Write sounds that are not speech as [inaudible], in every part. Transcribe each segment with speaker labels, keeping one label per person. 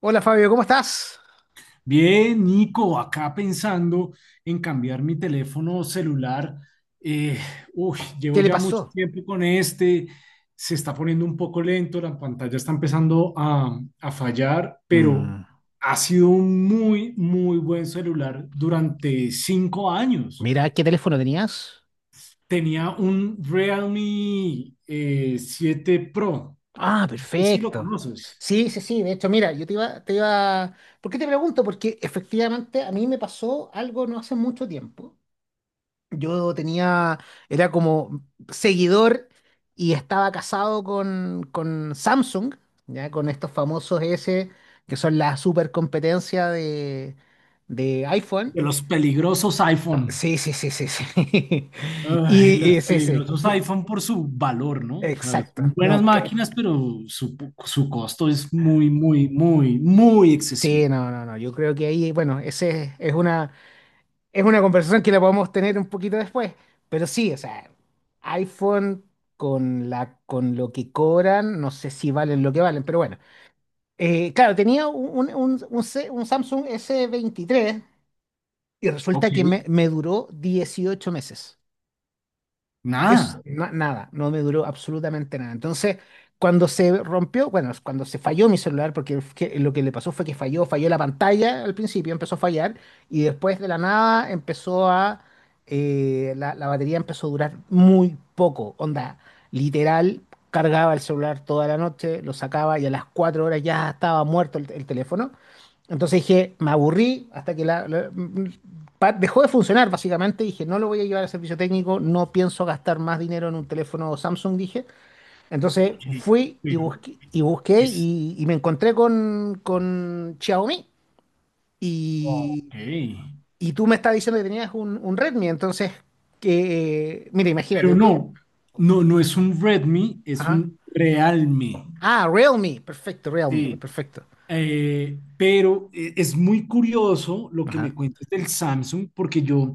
Speaker 1: Hola Fabio, ¿cómo estás?
Speaker 2: Bien, Nico, acá pensando en cambiar mi teléfono celular. Eh, Llevo
Speaker 1: ¿Qué le
Speaker 2: ya mucho
Speaker 1: pasó?
Speaker 2: tiempo con este, se está poniendo un poco lento, la pantalla está empezando a fallar, pero
Speaker 1: Mm,
Speaker 2: ha sido un muy, muy buen celular durante 5 años.
Speaker 1: mira, ¿qué teléfono tenías?
Speaker 2: Tenía un Realme 7 Pro,
Speaker 1: Ah,
Speaker 2: no sé si lo
Speaker 1: perfecto.
Speaker 2: conoces,
Speaker 1: Sí, sí, sí, de hecho, mira, yo te iba... ¿Por qué te pregunto? Porque efectivamente a mí me pasó algo no hace mucho tiempo. Yo tenía, era como seguidor y estaba casado con Samsung, ya con estos famosos S, que son la super competencia de iPhone.
Speaker 2: de los peligrosos iPhone.
Speaker 1: Sí, sí, sí, sí, sí. [laughs]
Speaker 2: Ay,
Speaker 1: Y
Speaker 2: las
Speaker 1: sí, sí.
Speaker 2: peligrosas iPhone por su valor, ¿no? O sea, son
Speaker 1: Exacto.
Speaker 2: buenas máquinas, pero su costo es muy, muy, muy, muy excesivo.
Speaker 1: Sí, no, no, no. Yo creo que ahí, bueno, es una conversación que la podemos tener un poquito después. Pero sí, o sea, iPhone con lo que cobran, no sé si valen lo que valen, pero bueno. Claro, tenía un Samsung s 23 y
Speaker 2: Ok,
Speaker 1: resulta que me duró 18 meses.
Speaker 2: nada.
Speaker 1: Nada, no me duró absolutamente nada. Entonces, cuando se rompió, bueno, cuando se falló mi celular, porque lo que le pasó fue que falló, falló la pantalla al principio, empezó a fallar, y después de la nada la batería empezó a durar muy poco, onda, literal, cargaba el celular toda la noche, lo sacaba y a las 4 horas ya estaba muerto el teléfono. Entonces dije, me aburrí hasta que la- pa- dejó de funcionar, básicamente. Dije, no lo voy a llevar al servicio técnico, no pienso gastar más dinero en un teléfono Samsung, dije. Entonces
Speaker 2: Ok,
Speaker 1: fui y
Speaker 2: pero
Speaker 1: busqué
Speaker 2: es...
Speaker 1: y me encontré con Xiaomi. Y,
Speaker 2: Ok.
Speaker 1: y tú me estás diciendo que tenías un Redmi, entonces, que, mira,
Speaker 2: Pero
Speaker 1: imagínate, tú.
Speaker 2: no, no, no es un Redmi, es
Speaker 1: Ajá.
Speaker 2: un Realme.
Speaker 1: Ah, Realme, perfecto, Realme,
Speaker 2: Sí.
Speaker 1: perfecto.
Speaker 2: Es muy curioso lo que me
Speaker 1: Ajá.
Speaker 2: cuentas del Samsung, porque yo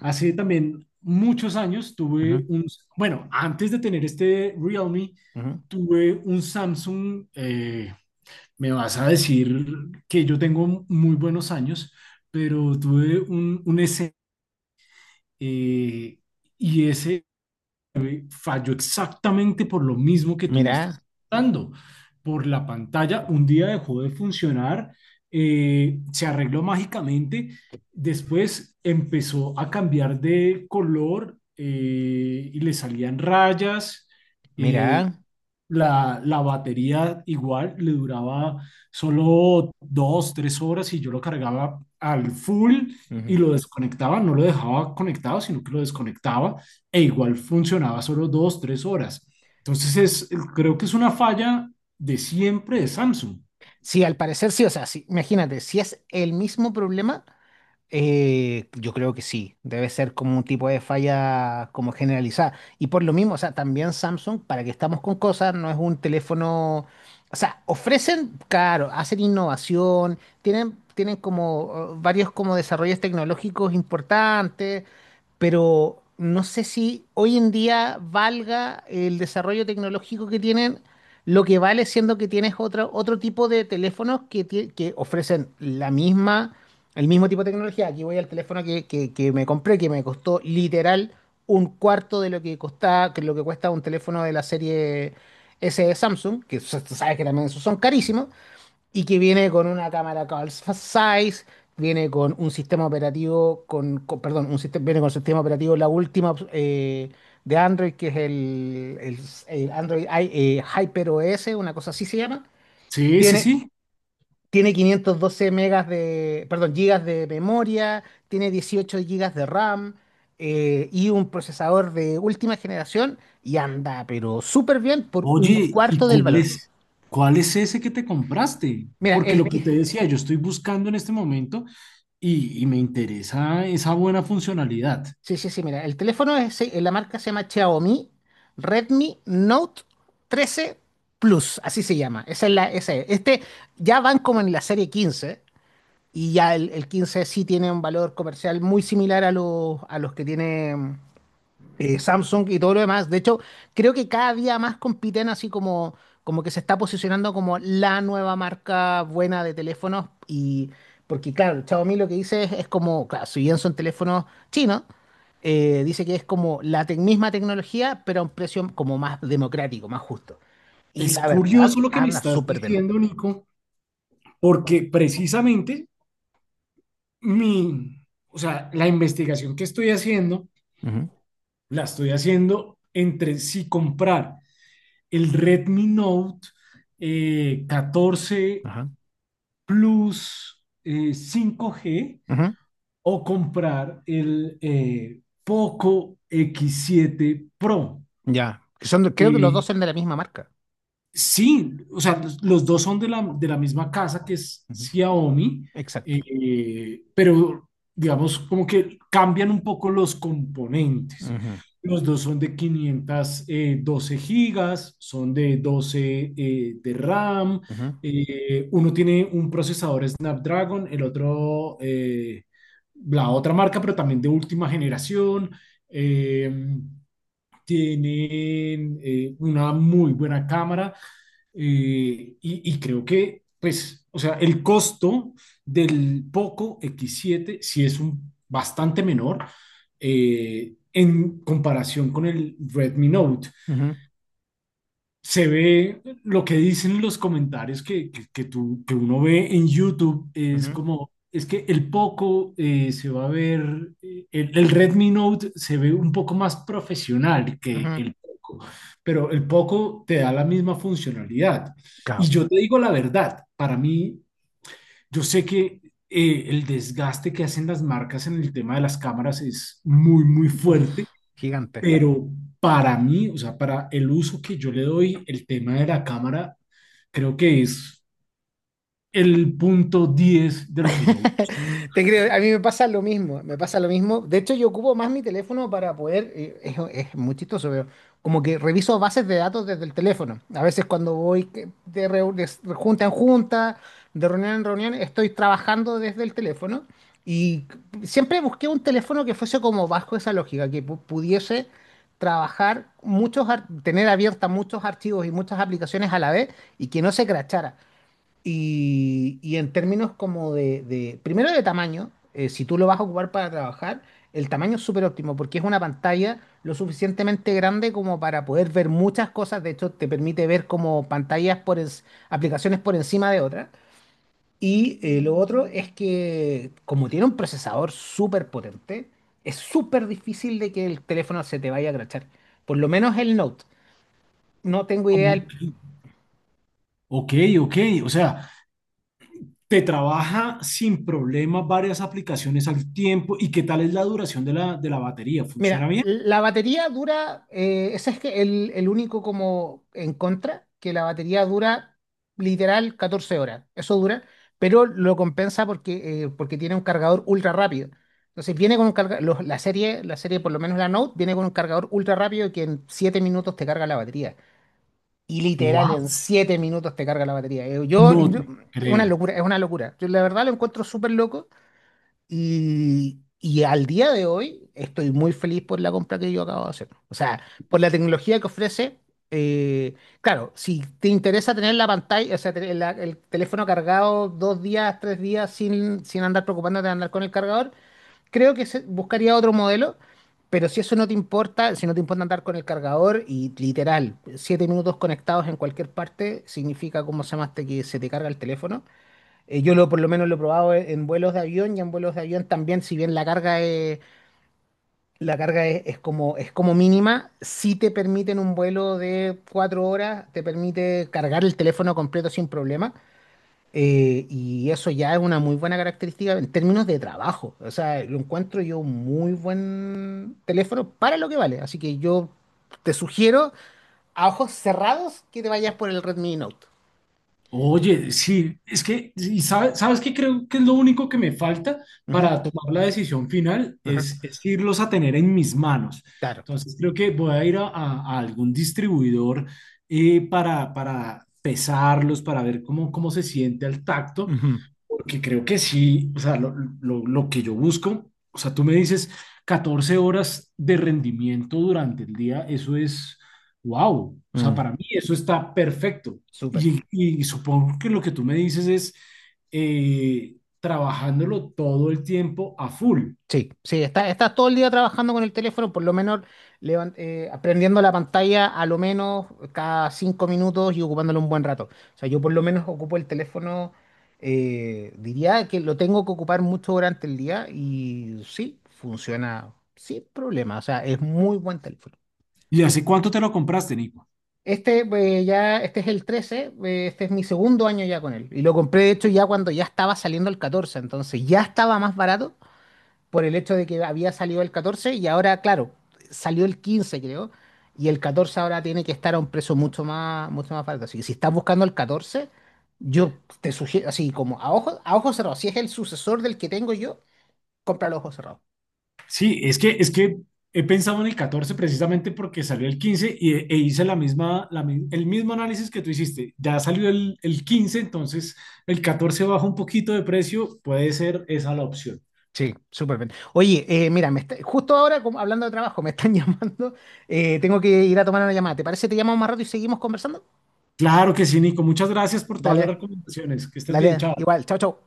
Speaker 2: hace también muchos años
Speaker 1: Ujú,
Speaker 2: tuve bueno, antes de tener este Realme,
Speaker 1: ujú.
Speaker 2: tuve un Samsung, me vas a decir que yo tengo muy buenos años, pero tuve un S, eh, y ese me falló exactamente por lo mismo que tú me estás
Speaker 1: Mira,
Speaker 2: dando. Por la pantalla, un día dejó de funcionar, se arregló mágicamente, después empezó a cambiar de color y le salían rayas. eh,
Speaker 1: mira.
Speaker 2: la batería igual le duraba solo dos, tres horas y yo lo cargaba al full y
Speaker 1: Ujú.
Speaker 2: lo desconectaba, no lo dejaba conectado, sino que lo desconectaba e igual funcionaba solo dos, tres horas. Entonces es, creo que es una falla de siempre de Samsung.
Speaker 1: Sí, al parecer sí, o sea, sí, imagínate, si es el mismo problema, yo creo que sí, debe ser como un tipo de falla como generalizada. Y por lo mismo, o sea, también Samsung, para que estamos con cosas, no es un teléfono, o sea, ofrecen, claro, hacen innovación, tienen como varios como desarrollos tecnológicos importantes, pero no sé si hoy en día valga el desarrollo tecnológico que tienen. Lo que vale siendo que tienes otro tipo de teléfonos que ofrecen la misma el mismo tipo de tecnología. Aquí voy al teléfono que me compré, que me costó literal un cuarto de lo que costaba, que lo que cuesta un teléfono de la serie S de Samsung, tú sabes que también esos son carísimos, y que viene con una cámara call size, viene con un sistema operativo, perdón, un sistema, viene con sistema operativo la última de Android, que es el Hyper OS, una cosa así se llama.
Speaker 2: Sí, sí,
Speaker 1: Tiene
Speaker 2: sí.
Speaker 1: tiene 512 megas de, perdón, gigas de memoria, tiene 18 gigas de RAM, y un procesador de última generación y anda, pero súper bien por un
Speaker 2: Oye,
Speaker 1: cuarto del valor.
Speaker 2: ¿cuál es ese que te compraste?
Speaker 1: Mira,
Speaker 2: Porque lo
Speaker 1: el
Speaker 2: que
Speaker 1: que,
Speaker 2: te decía, yo estoy buscando en este momento y me interesa esa buena funcionalidad.
Speaker 1: sí, sí, sí, mira, el teléfono es, la marca se llama Xiaomi Redmi Note 13 Plus, así se llama. Esa es. Este ya van como en la serie 15 y ya el 15 sí tiene un valor comercial muy similar a a los que tiene Samsung y todo lo demás. De hecho, creo que cada día más compiten así como, como que se está posicionando como la nueva marca buena de teléfonos. Y porque, claro, el Xiaomi lo que dice es como, claro, si bien son teléfonos chinos, dice que es como misma tecnología, pero a un precio como más democrático, más justo. Y
Speaker 2: Es
Speaker 1: la verdad,
Speaker 2: curioso lo que me
Speaker 1: anda
Speaker 2: estás
Speaker 1: súper bien.
Speaker 2: diciendo, Nico, porque precisamente mi, o sea, la investigación que estoy haciendo,
Speaker 1: Ujú,
Speaker 2: la estoy haciendo entre si comprar el Redmi Note 14
Speaker 1: ajá.
Speaker 2: Plus 5G
Speaker 1: Ujú.
Speaker 2: o comprar el Poco x siete Pro.
Speaker 1: Ya. Creo que los dos
Speaker 2: Eh,
Speaker 1: son de la misma marca.
Speaker 2: Sí, o sea, los dos son de de la misma casa que es
Speaker 1: Ujú,
Speaker 2: Xiaomi,
Speaker 1: exacto.
Speaker 2: pero digamos como que cambian un poco los componentes.
Speaker 1: Ujú,
Speaker 2: Los dos son de 512 GB, son de 12 de RAM,
Speaker 1: ujú,
Speaker 2: uno tiene un procesador Snapdragon, el otro, la otra marca, pero también de última generación. em, Tienen una muy buena cámara y creo que, pues, o sea, el costo del Poco x siete sí es un bastante menor en comparación con el Redmi Note.
Speaker 1: ujú,
Speaker 2: Se ve lo que dicen los comentarios que, que uno ve en YouTube, es
Speaker 1: ujú,
Speaker 2: como, es que el Poco se va a ver, el Redmi Note se ve un poco más profesional que
Speaker 1: ujú.
Speaker 2: el Poco, pero el Poco te da la misma funcionalidad. Y
Speaker 1: Claro.
Speaker 2: yo te digo la verdad, para mí, yo sé que el desgaste que hacen las marcas en el tema de las cámaras es muy, muy fuerte,
Speaker 1: Uf, gigante.
Speaker 2: pero para mí, o sea, para el uso que yo le doy, el tema de la cámara, creo que es el punto 10 de lo que yo...
Speaker 1: [laughs] Te creo, a mí me pasa lo mismo, me pasa lo mismo. De hecho, yo ocupo más mi teléfono para poder, es muy chistoso, pero como que reviso bases de datos desde el teléfono. A veces cuando voy que- de, reu- de s- junta en junta, de reunión en reunión, estoy trabajando desde el teléfono y siempre busqué un teléfono que fuese como bajo esa lógica, que pudiese trabajar muchos, tener abiertas muchos archivos y muchas aplicaciones a la vez y que no se crachara. Y en términos como primero de tamaño, si tú lo vas a ocupar para trabajar, el tamaño es súper óptimo porque es una pantalla lo suficientemente grande como para poder ver muchas cosas. De hecho, te permite ver como aplicaciones por encima de otras. Y lo otro es que como tiene un procesador súper potente, es súper difícil de que el teléfono se te vaya a crachar. Por lo menos el Note. No tengo idea.
Speaker 2: Ok, ok, o sea, te trabaja sin problema varias aplicaciones al tiempo. ¿Y qué tal es la duración de de la batería? ¿Funciona
Speaker 1: Mira,
Speaker 2: bien?
Speaker 1: la batería dura, ese es que el único como en contra, que la batería dura literal 14 horas, eso dura, pero lo compensa porque, porque tiene un cargador ultra rápido. Entonces viene con un cargador, la serie, por lo menos la Note, viene con un cargador ultra rápido que en 7 minutos te carga la batería. Y literal,
Speaker 2: What?
Speaker 1: en 7 minutos te carga la batería.
Speaker 2: No te
Speaker 1: Es una
Speaker 2: creo.
Speaker 1: locura, es una locura. Yo la verdad lo encuentro súper loco. Y al día de hoy estoy muy feliz por la compra que yo acabo de hacer. O sea, por la tecnología que ofrece. eh, claro, si te interesa tener la pantalla, o sea, tener el teléfono cargado dos días, tres días sin andar preocupándote de andar con el cargador, creo que buscaría otro modelo. Pero si eso no te importa, si no te importa andar con el cargador y literal, 7 minutos conectados en cualquier parte, significa como se llama este que se te carga el teléfono. Por lo menos lo he probado en vuelos de avión y en vuelos de avión también, si bien la carga es como mínima, si te permiten un vuelo de 4 horas, te permite cargar el teléfono completo sin problema. Y eso ya es una muy buena característica en términos de trabajo. O sea, lo encuentro yo un muy buen teléfono para lo que vale. Así que yo te sugiero a ojos cerrados que te vayas por el Redmi Note.
Speaker 2: Oye, sí, es que, sí, ¿sabes qué creo que es lo único que me falta
Speaker 1: Ujú,
Speaker 2: para tomar la decisión final?
Speaker 1: ujú,
Speaker 2: Es irlos a tener en mis manos.
Speaker 1: claro,
Speaker 2: Entonces creo que voy a ir a algún distribuidor para pesarlos, para ver cómo, cómo se siente al tacto.
Speaker 1: ujú,
Speaker 2: Porque creo que sí, o sea, lo que yo busco, o sea, tú me dices 14 horas de rendimiento durante el día, eso es, wow, o sea,
Speaker 1: mm.
Speaker 2: para mí eso está perfecto.
Speaker 1: Súper.
Speaker 2: Y supongo que lo que tú me dices es trabajándolo todo el tiempo a full.
Speaker 1: Sí, sí, está todo el día trabajando con el teléfono, por lo menos aprendiendo la pantalla a lo menos cada 5 minutos y ocupándolo un buen rato. O sea, yo por lo menos ocupo el teléfono, diría que lo tengo que ocupar mucho durante el día y sí, funciona sin problema. O sea, es muy buen teléfono.
Speaker 2: ¿Y hace cuánto te lo compraste, Nico?
Speaker 1: Este, ya, este es el 13, este es mi segundo año ya con él. Y lo compré, de hecho, ya cuando ya estaba saliendo el 14, entonces ya estaba más barato por el hecho de que había salido el 14 y ahora, claro, salió el 15, creo, y el 14 ahora tiene que estar a un precio mucho más barato. Así que si estás buscando el 14, yo te sugiero, así como a ojos cerrados, si es el sucesor del que tengo yo, cómpralo a ojos cerrados.
Speaker 2: Sí, es que he pensado en el 14 precisamente porque salió el 15 y, e hice la misma, el mismo análisis que tú hiciste. Ya salió el 15, entonces el 14 baja un poquito de precio, puede ser esa la opción.
Speaker 1: Sí, súper bien. Oye, justo ahora, como hablando de trabajo, me están [laughs] llamando. Tengo que ir a tomar una llamada. ¿Te parece? Te llamamos más rato y seguimos conversando.
Speaker 2: Claro que sí, Nico. Muchas gracias por todas las
Speaker 1: Dale,
Speaker 2: recomendaciones. Que estés bien,
Speaker 1: dale.
Speaker 2: chao.
Speaker 1: Igual, chao, chao.